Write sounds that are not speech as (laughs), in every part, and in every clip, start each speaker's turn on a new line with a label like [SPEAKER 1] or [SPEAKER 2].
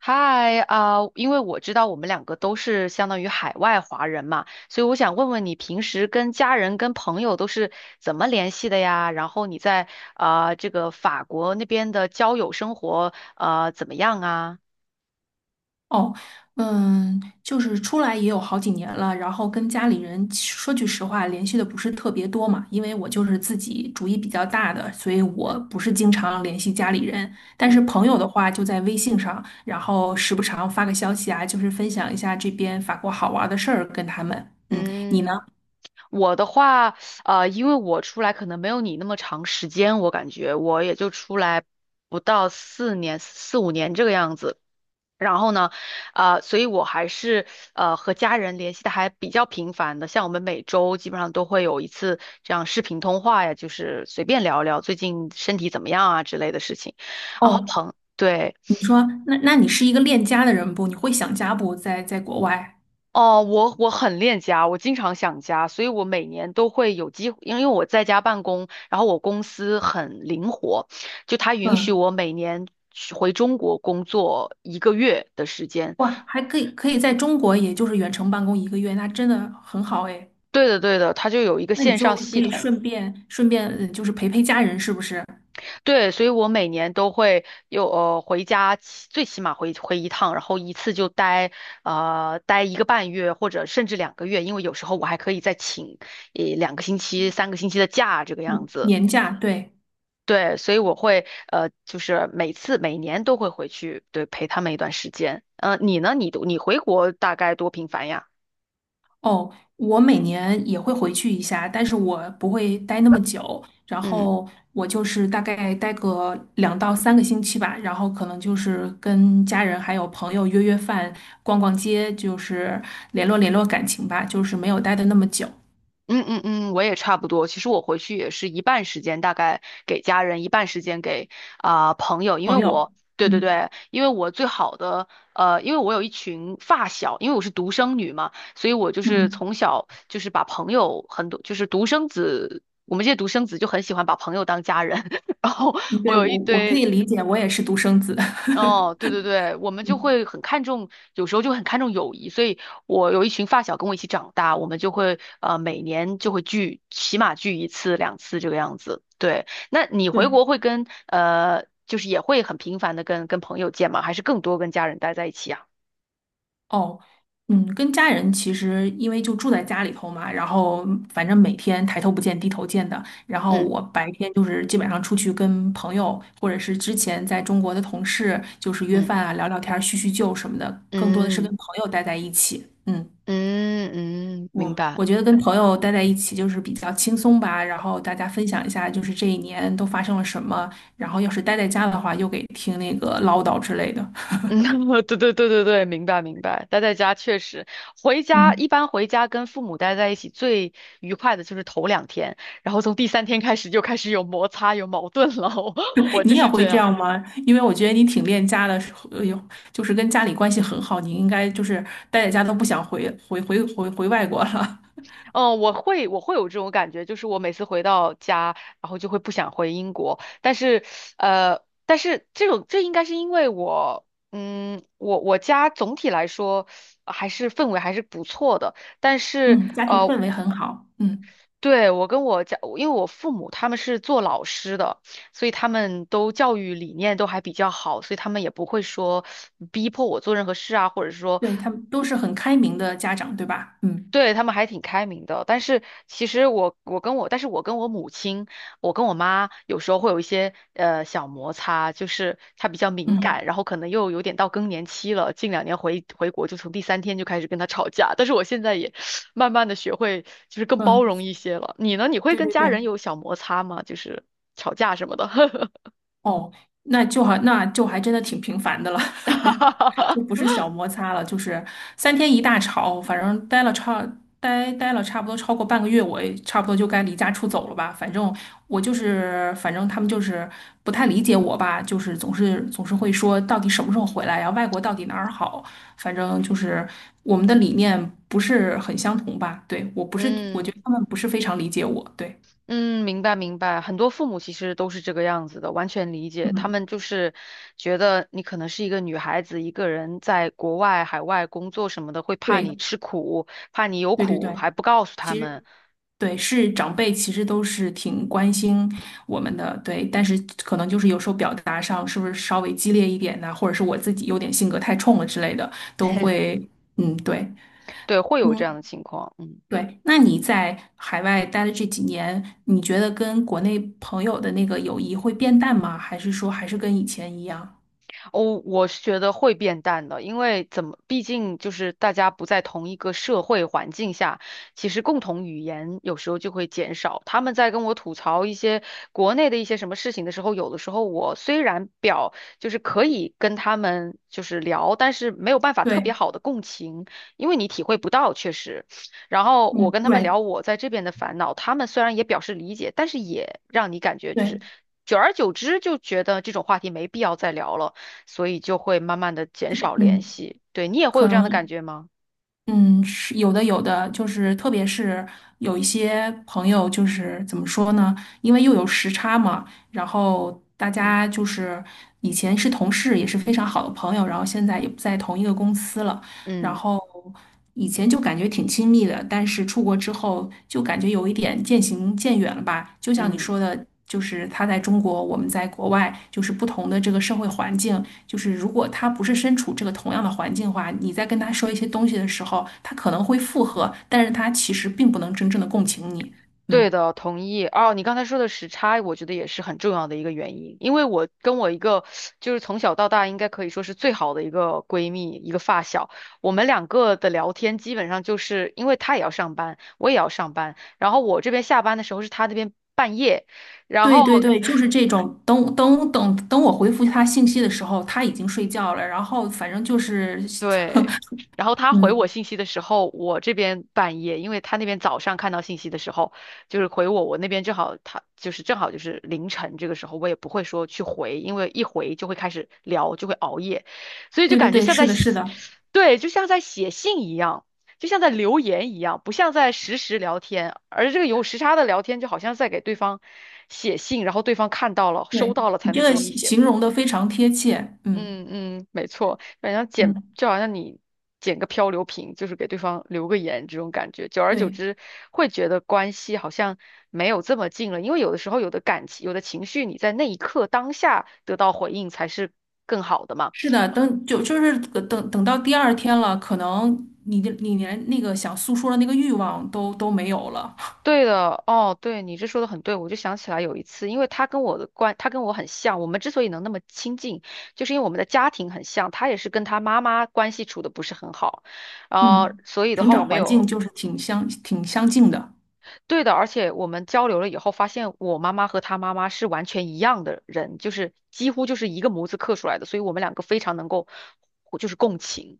[SPEAKER 1] 嗨啊，因为我知道我们两个都是相当于海外华人嘛，所以我想问问你平时跟家人、跟朋友都是怎么联系的呀？然后你在这个法国那边的交友生活怎么样啊？
[SPEAKER 2] 哦，嗯，就是出来也有好几年了，然后跟家里人其说句实话，联系的不是特别多嘛，因为我就是自己主意比较大的，所以我
[SPEAKER 1] 嗯
[SPEAKER 2] 不是经常联系家里人。但是
[SPEAKER 1] 嗯
[SPEAKER 2] 朋友的话，就在微信上，然后时不常发个消息啊，就是分享一下这边法国好玩的事儿跟他们。嗯，你呢？
[SPEAKER 1] 嗯，我的话啊，因为我出来可能没有你那么长时间，我感觉我也就出来不到四年、四五年这个样子。然后呢，所以我还是和家人联系的还比较频繁的，像我们每周基本上都会有一次这样视频通话呀，就是随便聊聊最近身体怎么样啊之类的事情。然后
[SPEAKER 2] 哦，
[SPEAKER 1] 朋，对，
[SPEAKER 2] 你说，那你是一个恋家的人不？你会想家不？在国外？
[SPEAKER 1] 哦，我我很恋家，我经常想家，所以我每年都会有机会，因为我在家办公，然后我公司很灵活，就它允许
[SPEAKER 2] 嗯，
[SPEAKER 1] 我每年去回中国工作一个月的时间。
[SPEAKER 2] 哇，还可以在中国，也就是远程办公一个月，那真的很好哎。
[SPEAKER 1] 对的，对的，它就有一个
[SPEAKER 2] 那你
[SPEAKER 1] 线
[SPEAKER 2] 就
[SPEAKER 1] 上
[SPEAKER 2] 可
[SPEAKER 1] 系
[SPEAKER 2] 以
[SPEAKER 1] 统。
[SPEAKER 2] 顺便就是陪陪家人，是不是？
[SPEAKER 1] 对，所以我每年都会有回家起，最起码回回一趟，然后一次就待待一个半月或者甚至两个月，因为有时候我还可以再请一两个星期、三个星期的假这个样子。
[SPEAKER 2] 年假，对。
[SPEAKER 1] 对，所以我会就是每次每年都会回去，对，陪他们一段时间。嗯，你呢？你回国大概多频繁呀？
[SPEAKER 2] 哦，我每年也会回去一下，但是我不会待那么久，然
[SPEAKER 1] 嗯。
[SPEAKER 2] 后我就是大概待个两到三个星期吧，然后可能就是跟家人还有朋友约约饭、逛逛街，就是联络联络感情吧，就是没有待的那么久。
[SPEAKER 1] 嗯嗯嗯，我也差不多。其实我回去也是一半时间大概给家人，一半时间给朋友，因为
[SPEAKER 2] 朋
[SPEAKER 1] 我
[SPEAKER 2] 友，
[SPEAKER 1] 对对
[SPEAKER 2] 嗯
[SPEAKER 1] 对，因为我最好的因为我有一群发小，因为我是独生女嘛，所以我就是
[SPEAKER 2] 嗯，
[SPEAKER 1] 从小就是把朋友很多，就是独生子，我们这些独生子就很喜欢把朋友当家人，(laughs) 然后我
[SPEAKER 2] 对，
[SPEAKER 1] 有
[SPEAKER 2] 我
[SPEAKER 1] 一
[SPEAKER 2] 我可以
[SPEAKER 1] 堆。
[SPEAKER 2] 理解，我也是独生子，
[SPEAKER 1] 哦，对对对，我们
[SPEAKER 2] (laughs)
[SPEAKER 1] 就
[SPEAKER 2] 嗯，
[SPEAKER 1] 会很看重，有时候就很看重友谊，所以我有一群发小跟我一起长大，我们就会每年就会聚，起码聚一次两次这个样子。对，那你回
[SPEAKER 2] 对。
[SPEAKER 1] 国会跟就是也会很频繁的跟朋友见吗？还是更多跟家人待在一起啊？
[SPEAKER 2] 哦，嗯，跟家人其实因为就住在家里头嘛，然后反正每天抬头不见低头见的。然后
[SPEAKER 1] 嗯
[SPEAKER 2] 我白天就是基本上出去跟朋友，或者是之前在中国的同事，就是约
[SPEAKER 1] 嗯
[SPEAKER 2] 饭啊、聊聊天儿叙叙旧什么的，更多的是跟
[SPEAKER 1] 嗯
[SPEAKER 2] 朋友待在一起。嗯，
[SPEAKER 1] 嗯嗯，明
[SPEAKER 2] 我
[SPEAKER 1] 白。
[SPEAKER 2] 我觉得跟朋友待在一起就是比较轻松吧，然后大家分享一下就是这一年都发生了什么，然后要是待在家的话，又给听那个唠叨之类的。
[SPEAKER 1] 嗯，(laughs) 对对对对对，明白明白。待在家确实，
[SPEAKER 2] 嗯。
[SPEAKER 1] 回家跟父母待在一起最愉快的就是头两天，然后从第三天开始就开始有摩擦有矛盾了。(laughs) 我
[SPEAKER 2] (laughs)
[SPEAKER 1] 我
[SPEAKER 2] 你
[SPEAKER 1] 就
[SPEAKER 2] 也
[SPEAKER 1] 是
[SPEAKER 2] 会
[SPEAKER 1] 这
[SPEAKER 2] 这
[SPEAKER 1] 样，
[SPEAKER 2] 样吗？因为我觉得你挺恋家的，呃，有就是跟家里关系很好，你应该就是待在家都不想回外国了。
[SPEAKER 1] 嗯，我会有这种感觉，就是我每次回到家，然后就会不想回英国，但是但是这种这应该是因为我。嗯，我家总体来说还是氛围还是不错的，但
[SPEAKER 2] (laughs)
[SPEAKER 1] 是
[SPEAKER 2] 嗯，家庭氛围很好。嗯，
[SPEAKER 1] 对，我跟我家，因为我父母他们是做老师的，所以他们都教育理念都还比较好，所以他们也不会说逼迫我做任何事啊，或者说
[SPEAKER 2] 对，他们都是很开明的家长，对吧？嗯
[SPEAKER 1] 对，他们还挺开明的，但是其实我我跟我，但是我跟我母亲，我跟我妈有时候会有一些小摩擦，就是她比较敏感，
[SPEAKER 2] 嗯
[SPEAKER 1] 然后可能又有点到更年期了，近两年回国就从第三天就开始跟她吵架，但是我现在也慢慢的学会就是更包
[SPEAKER 2] 嗯，
[SPEAKER 1] 容一些了。你呢？你会
[SPEAKER 2] 对
[SPEAKER 1] 跟
[SPEAKER 2] 对
[SPEAKER 1] 家人
[SPEAKER 2] 对。
[SPEAKER 1] 有小摩擦吗？就是吵架什么的？
[SPEAKER 2] 哦，那就好，那就还真的挺平凡的了，(laughs) 就不
[SPEAKER 1] (laughs)
[SPEAKER 2] 是小摩擦了，就是三天一大吵，反正待了差不多超过半个月，我也差不多就该离家出走了吧。反正我就是，反正他们就是不太理解我吧，就是总是会说到底什么时候回来呀？外国到底哪儿好？反正就是我们的理念不是很相同吧。对，我不是，我觉
[SPEAKER 1] 嗯
[SPEAKER 2] 得他们不是非常理解我。对，
[SPEAKER 1] 嗯，明白明白，很多父母其实都是这个样子的，完全理解。他
[SPEAKER 2] 嗯，
[SPEAKER 1] 们就是觉得你可能是一个女孩子，一个人在国外、海外工作什么的，会怕
[SPEAKER 2] 对，
[SPEAKER 1] 你吃苦，怕你有
[SPEAKER 2] 对对
[SPEAKER 1] 苦
[SPEAKER 2] 对。
[SPEAKER 1] 还不告诉他们，
[SPEAKER 2] 对，是长辈其实都是挺关心我们的，对，但是可能就是有时候表达上是不是稍微激烈一点呢、或者是我自己有点性格太冲了之类的，都会，嗯，对，
[SPEAKER 1] 对，会有这
[SPEAKER 2] 嗯，
[SPEAKER 1] 样的情况。嗯。
[SPEAKER 2] 对。那你在海外待的这几年，你觉得跟国内朋友的那个友谊会变淡吗？还是说还是跟以前一样？
[SPEAKER 1] 哦，我是觉得会变淡的，因为怎么，毕竟就是大家不在同一个社会环境下，其实共同语言有时候就会减少。他们在跟我吐槽一些国内的一些什么事情的时候，有的时候我虽然表就是可以跟他们就是聊，但是没有办法特
[SPEAKER 2] 对，
[SPEAKER 1] 别好的共情，因为你体会不到，确实。然后我
[SPEAKER 2] 嗯，
[SPEAKER 1] 跟他们
[SPEAKER 2] 对，
[SPEAKER 1] 聊我在这边的烦恼，他们虽然也表示理解，但是也让你感觉就是。
[SPEAKER 2] 对，
[SPEAKER 1] 久而久之就觉得这种话题没必要再聊了。所以就会慢慢的减少联
[SPEAKER 2] 嗯，
[SPEAKER 1] 系。对，你也会
[SPEAKER 2] 可
[SPEAKER 1] 有这样的感
[SPEAKER 2] 能。
[SPEAKER 1] 觉吗？
[SPEAKER 2] 嗯，是有的，有的，就是特别是有一些朋友，就是怎么说呢？因为又有时差嘛，然后大家
[SPEAKER 1] 嗯
[SPEAKER 2] 就是以前是同事，也是非常好的朋友，然后现在也不在同一个公司了。然
[SPEAKER 1] 嗯
[SPEAKER 2] 后以前就感觉挺亲密的，但是出国之后就感觉有一点渐行渐远了吧。就像你
[SPEAKER 1] 嗯
[SPEAKER 2] 说的，就是他在中国，我们在国外，就是不同的这个社会环境，就是如果他不是身处这个同样的环境的话，你在跟他说一些东西的时候，他可能会附和，但是他其实并不能真正的共情你。嗯，
[SPEAKER 1] 对的，同意。哦，你刚才说的时差，我觉得也是很重要的一个原因，因为我跟我一个就是从小到大应该可以说是最好的一个闺蜜，一个发小，我们两个的聊天基本上就是因为她也要上班，我也要上班，然后我这边下班的时候是她那边半夜，然后。
[SPEAKER 2] 对对对，就是这种。等，我回复他信息的时候，他已经睡觉了。然后反正就是，
[SPEAKER 1] 对，然后
[SPEAKER 2] (laughs)
[SPEAKER 1] 他回我
[SPEAKER 2] 嗯，
[SPEAKER 1] 信息的时候，我这边半夜，因为他那边早上看到信息的时候，就是回我，我那边正好就是凌晨这个时候，我也不会说去回，因为一回就会开始聊，就会熬夜，所以就
[SPEAKER 2] 对对
[SPEAKER 1] 感觉
[SPEAKER 2] 对，
[SPEAKER 1] 像
[SPEAKER 2] 是
[SPEAKER 1] 在
[SPEAKER 2] 的，是
[SPEAKER 1] 写，
[SPEAKER 2] 的。
[SPEAKER 1] 对，就像在写信一样，就像在留言一样，不像在实时聊天，而这个有时差的聊天就好像在给对方写信，然后对方看到了收
[SPEAKER 2] 对，
[SPEAKER 1] 到了
[SPEAKER 2] 你
[SPEAKER 1] 才
[SPEAKER 2] 这
[SPEAKER 1] 能
[SPEAKER 2] 个
[SPEAKER 1] 给你
[SPEAKER 2] 形
[SPEAKER 1] 写
[SPEAKER 2] 形
[SPEAKER 1] 回。
[SPEAKER 2] 容的非常贴切，嗯
[SPEAKER 1] 嗯嗯，没错，反正
[SPEAKER 2] 嗯，
[SPEAKER 1] 就好像你捡个漂流瓶，就是给对方留个言这种感觉，久而久
[SPEAKER 2] 对，
[SPEAKER 1] 之会觉得关系好像没有这么近了，因为有的时候有的感情、有的情绪，你在那一刻当下得到回应才是更好的嘛。
[SPEAKER 2] 是的，等就就是等等到第二天了，可能你连那个想诉说的那个欲望都没有了，
[SPEAKER 1] 对的，哦，对，你这说的很对，我就想起来有一次，因为他跟我很像，我们之所以能那么亲近，就是因为我们的家庭很像，他也是跟他妈妈关系处的不是很好。
[SPEAKER 2] 嗯，
[SPEAKER 1] 所以的
[SPEAKER 2] 成
[SPEAKER 1] 话，我
[SPEAKER 2] 长
[SPEAKER 1] 们
[SPEAKER 2] 环境
[SPEAKER 1] 有
[SPEAKER 2] 就是挺相近的，
[SPEAKER 1] 对的，而且我们交流了以后，发现我妈妈和她妈妈是完全一样的人，就是几乎就是一个模子刻出来的，所以我们两个非常能够，就是共情。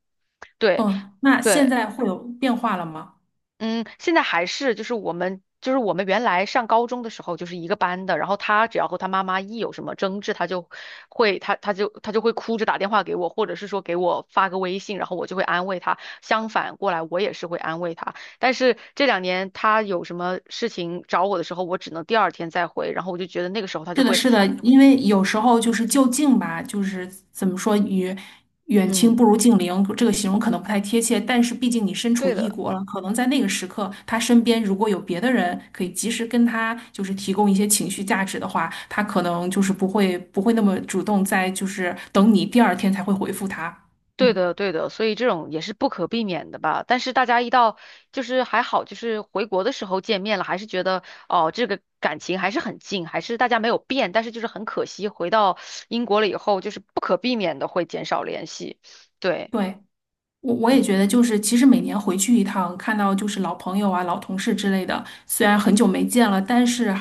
[SPEAKER 1] 对
[SPEAKER 2] 嗯，那现
[SPEAKER 1] 对，
[SPEAKER 2] 在会有变化了吗？
[SPEAKER 1] 嗯，现在还是我们原来上高中的时候就是一个班的，然后他只要和他妈妈一有什么争执，他就会他他就他就会哭着打电话给我，或者是说给我发个微信，然后我就会安慰他。相反过来，我也是会安慰他。但是这两年他有什么事情找我的时候，我只能第二天再回，然后我就觉得那个时候他
[SPEAKER 2] 是
[SPEAKER 1] 就
[SPEAKER 2] 的，
[SPEAKER 1] 会，
[SPEAKER 2] 是的，因为有时候就是就近吧，就是怎么说，与远亲
[SPEAKER 1] 嗯，
[SPEAKER 2] 不如近邻，这个形容可能不太贴切，但是毕竟你身处
[SPEAKER 1] 对
[SPEAKER 2] 异
[SPEAKER 1] 的。
[SPEAKER 2] 国了，可能在那个时刻，他身边如果有别的人可以及时跟他就是提供一些情绪价值的话，他可能就是不会那么主动在就是等你第二天才会回复他。
[SPEAKER 1] 对
[SPEAKER 2] 嗯，
[SPEAKER 1] 的，对的，所以这种也是不可避免的吧。但是大家一到就是还好，就是回国的时候见面了，还是觉得哦，这个感情还是很近，还是大家没有变。但是就是很可惜，回到英国了以后，就是不可避免的会减少联系。对，
[SPEAKER 2] 对。我也
[SPEAKER 1] 嗯
[SPEAKER 2] 觉得，就是其实每年回去一趟，看到就是老朋友啊、老同事之类的，虽然很久没见了，但是，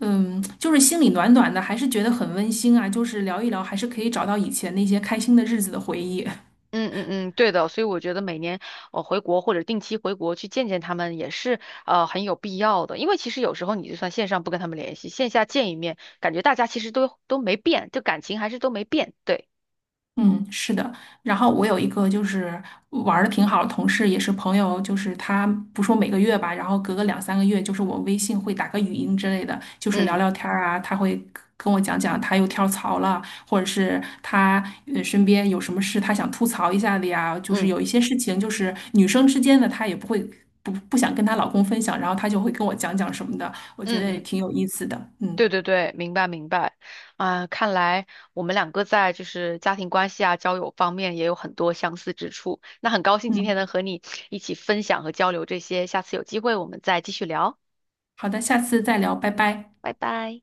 [SPEAKER 2] 嗯，就是心里暖暖的，还是觉得很温馨啊。就是聊一聊，还是可以找到以前那些开心的日子的回忆。
[SPEAKER 1] 嗯嗯嗯，对的。所以我觉得每年回国或者定期回国去见见他们也是很有必要的，因为其实有时候你就算线上不跟他们联系，线下见一面，感觉大家其实都都没变，就感情还是都没变。对，
[SPEAKER 2] 嗯，是的。然后我有一个就是玩的挺好的同事，也是朋友，就是他不说每个月吧，然后隔个两三个月，就是我微信会打个语音之类的，就是聊
[SPEAKER 1] 嗯
[SPEAKER 2] 聊天儿啊。他会跟我讲讲他又跳槽了，或者是他身边有什么事他想吐槽一下的呀。就是
[SPEAKER 1] 嗯。
[SPEAKER 2] 有一些事情，就是女生之间的，她也不会不想跟她老公分享，然后她就会跟我讲讲什么的，我觉
[SPEAKER 1] 嗯
[SPEAKER 2] 得也
[SPEAKER 1] 嗯，
[SPEAKER 2] 挺有意思的。嗯
[SPEAKER 1] 对对对，明白明白。看来我们两个在就是家庭关系啊、交友方面也有很多相似之处。那很高兴今天
[SPEAKER 2] 嗯，
[SPEAKER 1] 能和你一起分享和交流这些，下次有机会我们再继续聊，
[SPEAKER 2] 好的，下次再聊，拜拜。
[SPEAKER 1] 拜拜。